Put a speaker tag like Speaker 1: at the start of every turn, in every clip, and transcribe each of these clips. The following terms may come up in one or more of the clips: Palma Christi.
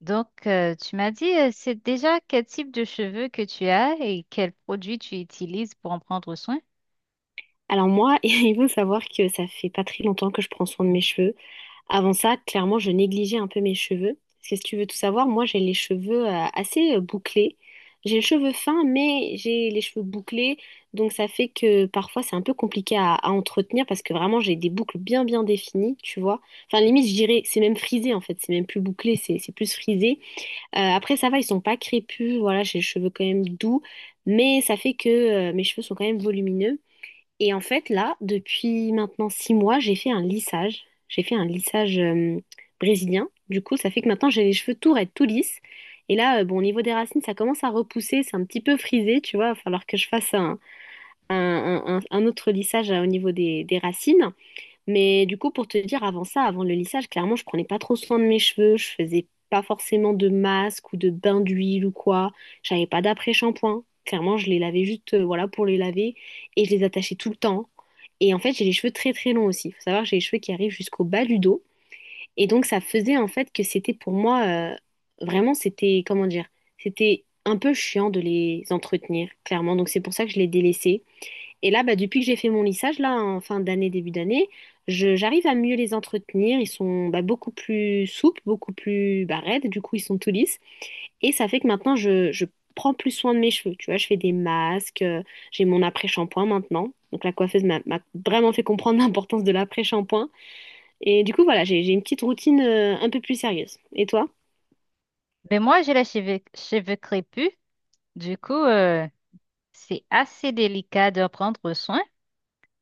Speaker 1: Donc, tu m'as dit, c'est déjà quel type de cheveux que tu as et quels produits tu utilises pour en prendre soin?
Speaker 2: Alors moi, il faut savoir que ça fait pas très longtemps que je prends soin de mes cheveux. Avant ça, clairement, je négligeais un peu mes cheveux. Parce que si tu veux tout savoir, moi, j'ai les cheveux assez bouclés. J'ai les cheveux fins, mais j'ai les cheveux bouclés. Donc ça fait que parfois, c'est un peu compliqué à entretenir parce que vraiment, j'ai des boucles bien, bien définies, tu vois. Enfin, limite, je dirais, c'est même frisé, en fait. C'est même plus bouclé, c'est plus frisé. Après, ça va, ils sont pas crépus. Voilà, j'ai les cheveux quand même doux. Mais ça fait que mes cheveux sont quand même volumineux. Et en fait, là, depuis maintenant 6 mois, j'ai fait un lissage. J'ai fait un lissage brésilien. Du coup, ça fait que maintenant, j'ai les cheveux tout raides, tout lisses. Et là, bon, au niveau des racines, ça commence à repousser. C'est un petit peu frisé, tu vois. Il va falloir que je fasse un autre lissage au niveau des racines. Mais du coup, pour te dire, avant ça, avant le lissage, clairement, je prenais pas trop soin de mes cheveux. Je faisais pas forcément de masque ou de bain d'huile ou quoi. J'avais pas d'après-shampoing. Clairement, je les lavais juste, voilà, pour les laver. Et je les attachais tout le temps. Et en fait, j'ai les cheveux très très longs aussi. Il faut savoir que j'ai les cheveux qui arrivent jusqu'au bas du dos. Et donc, ça faisait en fait que c'était pour moi, euh, vraiment, c'était, comment dire, c'était un peu chiant de les entretenir, clairement. Donc, c'est pour ça que je les délaissais. Et là, bah, depuis que j'ai fait mon lissage, là, en fin d'année, début d'année, j'arrive à mieux les entretenir. Ils sont bah, beaucoup plus souples, beaucoup plus bah, raides. Du coup, ils sont tout lisses. Et ça fait que maintenant, je prends plus soin de mes cheveux. Tu vois, je fais des masques, j'ai mon après-shampoing maintenant. Donc la coiffeuse m'a vraiment fait comprendre l'importance de l'après-shampoing. Et du coup, voilà, j'ai une petite routine un peu plus sérieuse. Et toi?
Speaker 1: Ben moi, j'ai les cheveux crépus. Du coup, c'est assez délicat d'en prendre soin.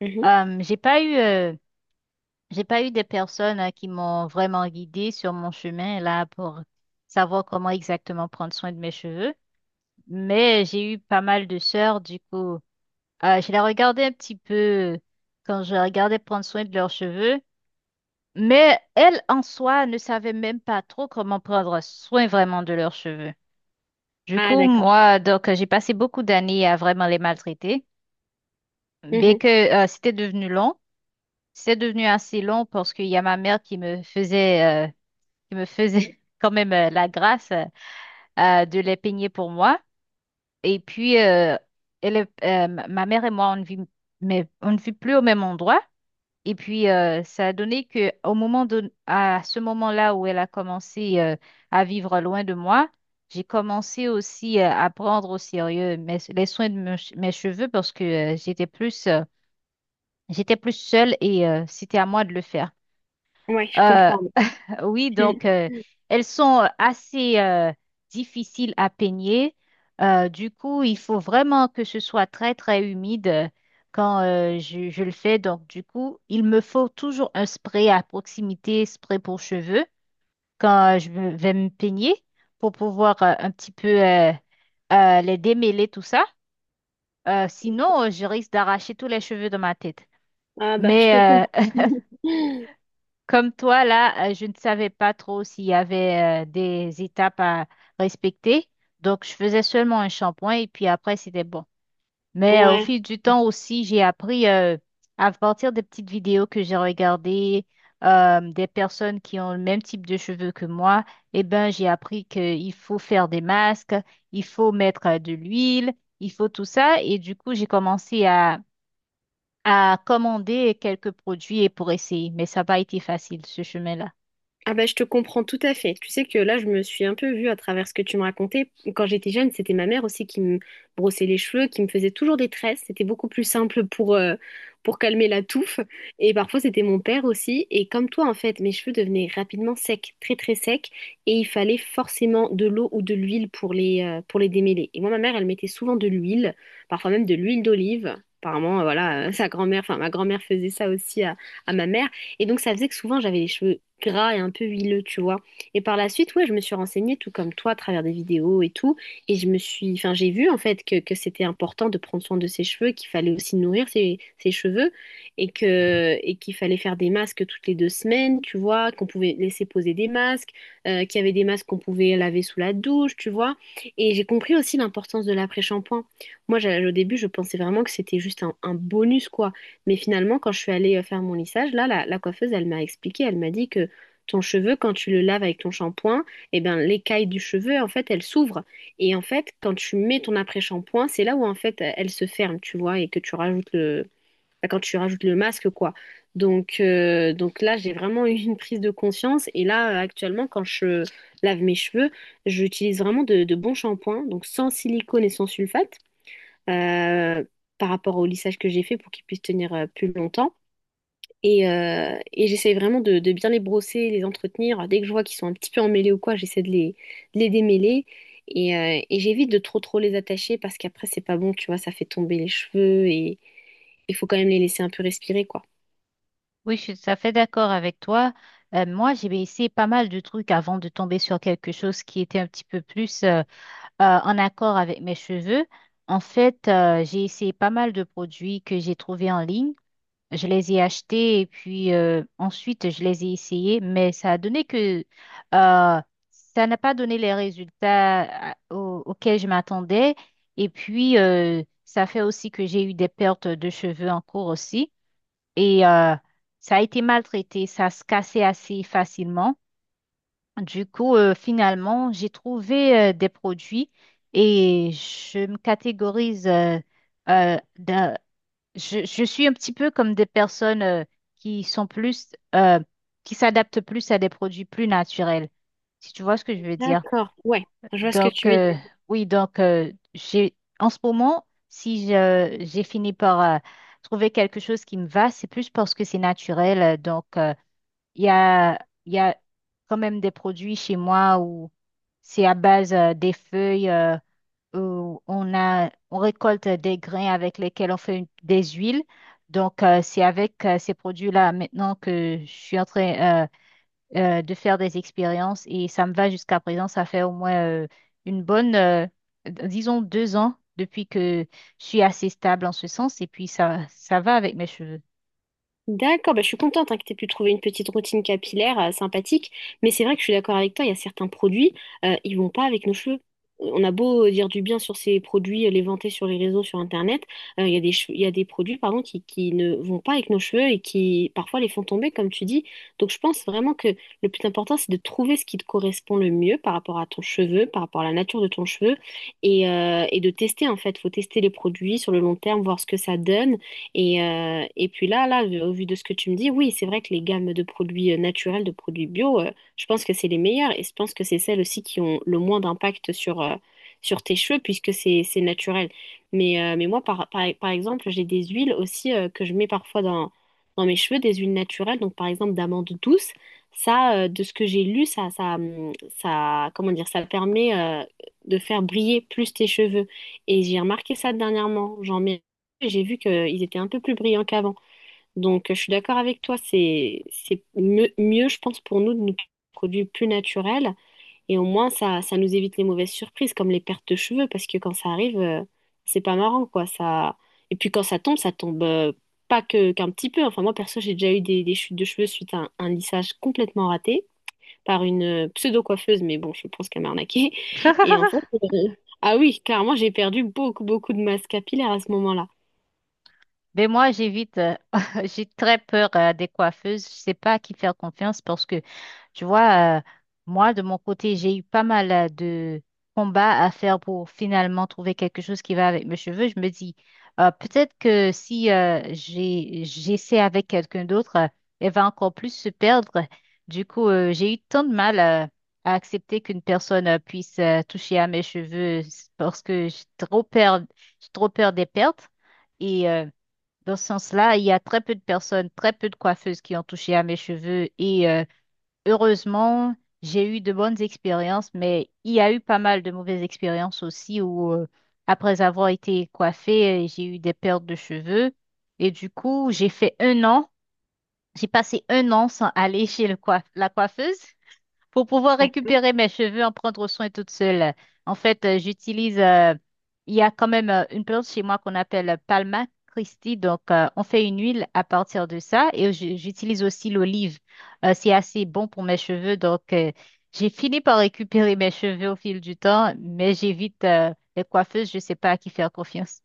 Speaker 2: Mhm.
Speaker 1: Euh, j'ai pas eu, euh, j'ai pas eu des personnes qui m'ont vraiment guidée sur mon chemin là pour savoir comment exactement prendre soin de mes cheveux. Mais j'ai eu pas mal de sœurs. Du coup, je les regardais un petit peu quand je regardais prendre soin de leurs cheveux. Mais elles, en soi, ne savaient même pas trop comment prendre soin vraiment de leurs cheveux. Du
Speaker 2: Ah,
Speaker 1: coup,
Speaker 2: d'accord.
Speaker 1: moi, donc, j'ai passé beaucoup d'années à vraiment les maltraiter. Bien
Speaker 2: Mhm.
Speaker 1: que c'était devenu long, c'est devenu assez long parce qu'il y a ma mère qui me qui me faisait quand même la grâce de les peigner pour moi. Et puis, ma mère et moi, on ne vit, mais on ne vit plus au même endroit. Et puis, ça a donné que au moment de, à ce moment-là où elle a commencé à vivre loin de moi, j'ai commencé aussi à prendre au sérieux les soins de mes cheveux parce que j'étais plus seule et c'était à moi de le faire.
Speaker 2: Ouais, je
Speaker 1: Euh,
Speaker 2: comprends.
Speaker 1: oui, donc elles sont assez difficiles à peigner. Du coup, il faut vraiment que ce soit très, très humide quand je le fais. Donc, du coup, il me faut toujours un spray à proximité, spray pour cheveux, quand vais me peigner pour pouvoir un petit peu les démêler, tout ça. Sinon, je risque d'arracher tous les cheveux de ma tête. Mais euh, Comme toi, là, je ne savais pas trop s'il y avait des étapes à respecter. Donc, je faisais seulement un shampoing et puis après, c'était bon. Mais au
Speaker 2: Ouais.
Speaker 1: fil du temps aussi, j'ai appris à partir des petites vidéos que j'ai regardées, des personnes qui ont le même type de cheveux que moi. Eh ben, j'ai appris qu'il faut faire des masques, il faut mettre de l'huile, il faut tout ça. Et du coup, j'ai commencé à commander quelques produits et pour essayer. Mais ça n'a pas été facile, ce chemin-là.
Speaker 2: Ah bah je te comprends tout à fait. Tu sais que là, je me suis un peu vue à travers ce que tu me racontais. Quand j'étais jeune, c'était ma mère aussi qui me brossait les cheveux, qui me faisait toujours des tresses. C'était beaucoup plus simple pour calmer la touffe. Et parfois, c'était mon père aussi. Et comme toi, en fait, mes cheveux devenaient rapidement secs, très très secs. Et il fallait forcément de l'eau ou de l'huile pour les démêler. Et moi, ma mère, elle mettait souvent de l'huile, parfois même de l'huile d'olive. Apparemment, voilà, sa grand-mère, enfin ma grand-mère faisait ça aussi à ma mère. Et donc, ça faisait que souvent, j'avais les cheveux gras et un peu huileux, tu vois. Et par la suite, ouais, je me suis renseignée, tout comme toi, à travers des vidéos et tout. Et je me suis, enfin, j'ai vu, en fait, que c'était important de prendre soin de ses cheveux, qu'il fallait aussi nourrir ses cheveux et que, et qu'il fallait faire des masques toutes les 2 semaines, tu vois, qu'on pouvait laisser poser des masques, qu'il y avait des masques qu'on pouvait laver sous la douche, tu vois. Et j'ai compris aussi l'importance de l'après-shampoing. Moi, au début, je pensais vraiment que c'était juste un bonus, quoi. Mais finalement, quand je suis allée faire mon lissage, là, la coiffeuse, elle m'a expliqué, elle m'a dit que ton cheveu, quand tu le laves avec ton shampoing, eh ben, l'écaille du cheveu, en fait, elle s'ouvre. Et en fait, quand tu mets ton après-shampoing, c'est là où, en fait, elle se ferme, tu vois, et que tu rajoutes le bah, quand tu rajoutes le masque, quoi. Donc là, j'ai vraiment eu une prise de conscience. Et là, actuellement, quand je lave mes cheveux, j'utilise vraiment de bons shampoings, donc sans silicone et sans sulfate euh, par rapport au lissage que j'ai fait pour qu'ils puissent tenir plus longtemps. Et j'essaie vraiment de bien les brosser, les entretenir. Dès que je vois qu'ils sont un petit peu emmêlés ou quoi, j'essaie de les démêler. Et j'évite de trop trop les attacher parce qu'après, c'est pas bon, tu vois, ça fait tomber les cheveux et il faut quand même les laisser un peu respirer, quoi.
Speaker 1: Oui, je suis tout à fait d'accord avec toi. Moi, j'ai essayé pas mal de trucs avant de tomber sur quelque chose qui était un petit peu plus en accord avec mes cheveux. En fait, j'ai essayé pas mal de produits que j'ai trouvés en ligne. Je les ai achetés et puis ensuite, je les ai essayés, mais ça a donné que euh, ça n'a pas donné les résultats auxquels je m'attendais. Et puis, ça fait aussi que j'ai eu des pertes de cheveux en cours aussi et ça a été maltraité, ça se cassait assez facilement. Du coup, finalement, j'ai trouvé des produits et je me catégorise, euh, d'un- je suis un petit peu comme des personnes qui sont qui s'adaptent plus à des produits plus naturels, si tu vois ce que je veux dire.
Speaker 2: D'accord, ouais, je vois ce que
Speaker 1: Donc,
Speaker 2: tu veux.
Speaker 1: oui, donc, j'ai, en ce moment, si je- j'ai fini par trouver quelque chose qui me va, c'est plus parce que c'est naturel. Donc, il y a, il y a quand même des produits chez moi où c'est à base des feuilles, où on récolte des grains avec lesquels on fait des huiles. Donc, c'est avec ces produits-là maintenant que je suis en train de faire des expériences et ça me va jusqu'à présent. Ça fait au moins une disons, deux ans depuis que je suis assez stable en ce sens et puis ça va avec mes cheveux.
Speaker 2: D'accord, bah, je suis contente hein, que tu aies pu trouver une petite routine capillaire sympathique, mais c'est vrai que je suis d'accord avec toi, il y a certains produits, ils vont pas avec nos cheveux. On a beau dire du bien sur ces produits, les vanter sur les réseaux, sur Internet, il y a des produits pardon, qui ne vont pas avec nos cheveux et qui parfois les font tomber, comme tu dis. Donc je pense vraiment que le plus important, c'est de trouver ce qui te correspond le mieux par rapport à ton cheveu, par rapport à la nature de ton cheveu, et de tester en fait. Il faut tester les produits sur le long terme, voir ce que ça donne. Et puis là, là, au vu de ce que tu me dis, oui, c'est vrai que les gammes de produits naturels, de produits bio, je pense que c'est les meilleurs et je pense que c'est celles aussi qui ont le moins d'impact sur, sur tes cheveux puisque c'est naturel. Mais moi, par exemple, j'ai des huiles aussi que je mets parfois dans mes cheveux, des huiles naturelles, donc par exemple d'amande douce. Ça, de ce que j'ai lu, ça, comment dire, ça permet de faire briller plus tes cheveux. Et j'ai remarqué ça dernièrement. J'en mets. J'ai vu qu'ils étaient un peu plus brillants qu'avant. Donc, je suis d'accord avec toi, c'est mieux, mieux, je pense, pour nous de nous produire plus naturels. Et au moins, ça nous évite les mauvaises surprises, comme les pertes de cheveux, parce que quand ça arrive, c'est pas marrant, quoi. Ça Et puis, quand ça tombe pas que qu'un petit peu. Enfin, moi, perso, j'ai déjà eu des chutes de cheveux suite à un lissage complètement raté par une pseudo-coiffeuse, mais bon, je pense qu'elle m'a arnaqué. Et en fait, euh, ah oui, clairement, j'ai perdu beaucoup, beaucoup de masse capillaire à ce moment-là.
Speaker 1: Mais moi, j'évite, j'ai très peur des coiffeuses. Je sais pas à qui faire confiance parce que, tu vois, moi, de mon côté, j'ai eu pas mal de combats à faire pour finalement trouver quelque chose qui va avec mes cheveux. Je me dis, peut-être que si j'essaie avec quelqu'un d'autre, elle va encore plus se perdre. Du coup, j'ai eu tant de mal à accepter qu'une personne puisse toucher à mes cheveux parce que j'ai trop peur des pertes. Et dans ce sens-là, il y a très peu de personnes, très peu de coiffeuses qui ont touché à mes cheveux et heureusement, j'ai eu de bonnes expériences, mais il y a eu pas mal de mauvaises expériences aussi où après avoir été coiffée, j'ai eu des pertes de cheveux et du coup, j'ai passé un an sans aller chez la coiffeuse pour pouvoir récupérer mes cheveux, en prendre soin toute seule. En fait, il y a quand même une plante chez moi qu'on appelle Palma Christi. Donc, on fait une huile à partir de ça et j'utilise aussi l'olive. C'est assez bon pour mes cheveux. Donc, j'ai fini par récupérer mes cheveux au fil du temps, mais j'évite, les coiffeuses. Je ne sais pas à qui faire confiance.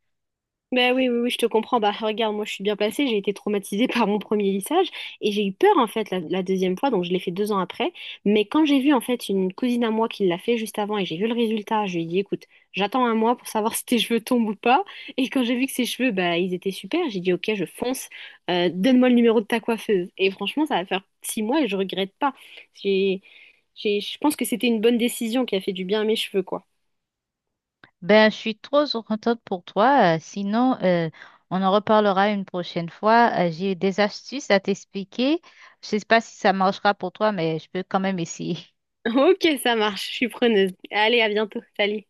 Speaker 2: Ben oui, oui, oui, je te comprends. Bah regarde, moi je suis bien placée, j'ai été traumatisée par mon premier lissage et j'ai eu peur en fait la deuxième fois, donc je l'ai fait 2 ans après. Mais quand j'ai vu en fait une cousine à moi qui l'a fait juste avant et j'ai vu le résultat, je lui ai dit écoute, j'attends un mois pour savoir si tes cheveux tombent ou pas. Et quand j'ai vu que ses cheveux, bah ils étaient super, j'ai dit ok, je fonce. Donne-moi le numéro de ta coiffeuse. Et franchement, ça va faire 6 mois et je regrette pas. J'ai, je pense que c'était une bonne décision qui a fait du bien à mes cheveux, quoi.
Speaker 1: Ben, je suis trop contente pour toi. Sinon, on en reparlera une prochaine fois. J'ai des astuces à t'expliquer. Je sais pas si ça marchera pour toi, mais je peux quand même essayer.
Speaker 2: Ok, ça marche, je suis preneuse. Allez, à bientôt, salut.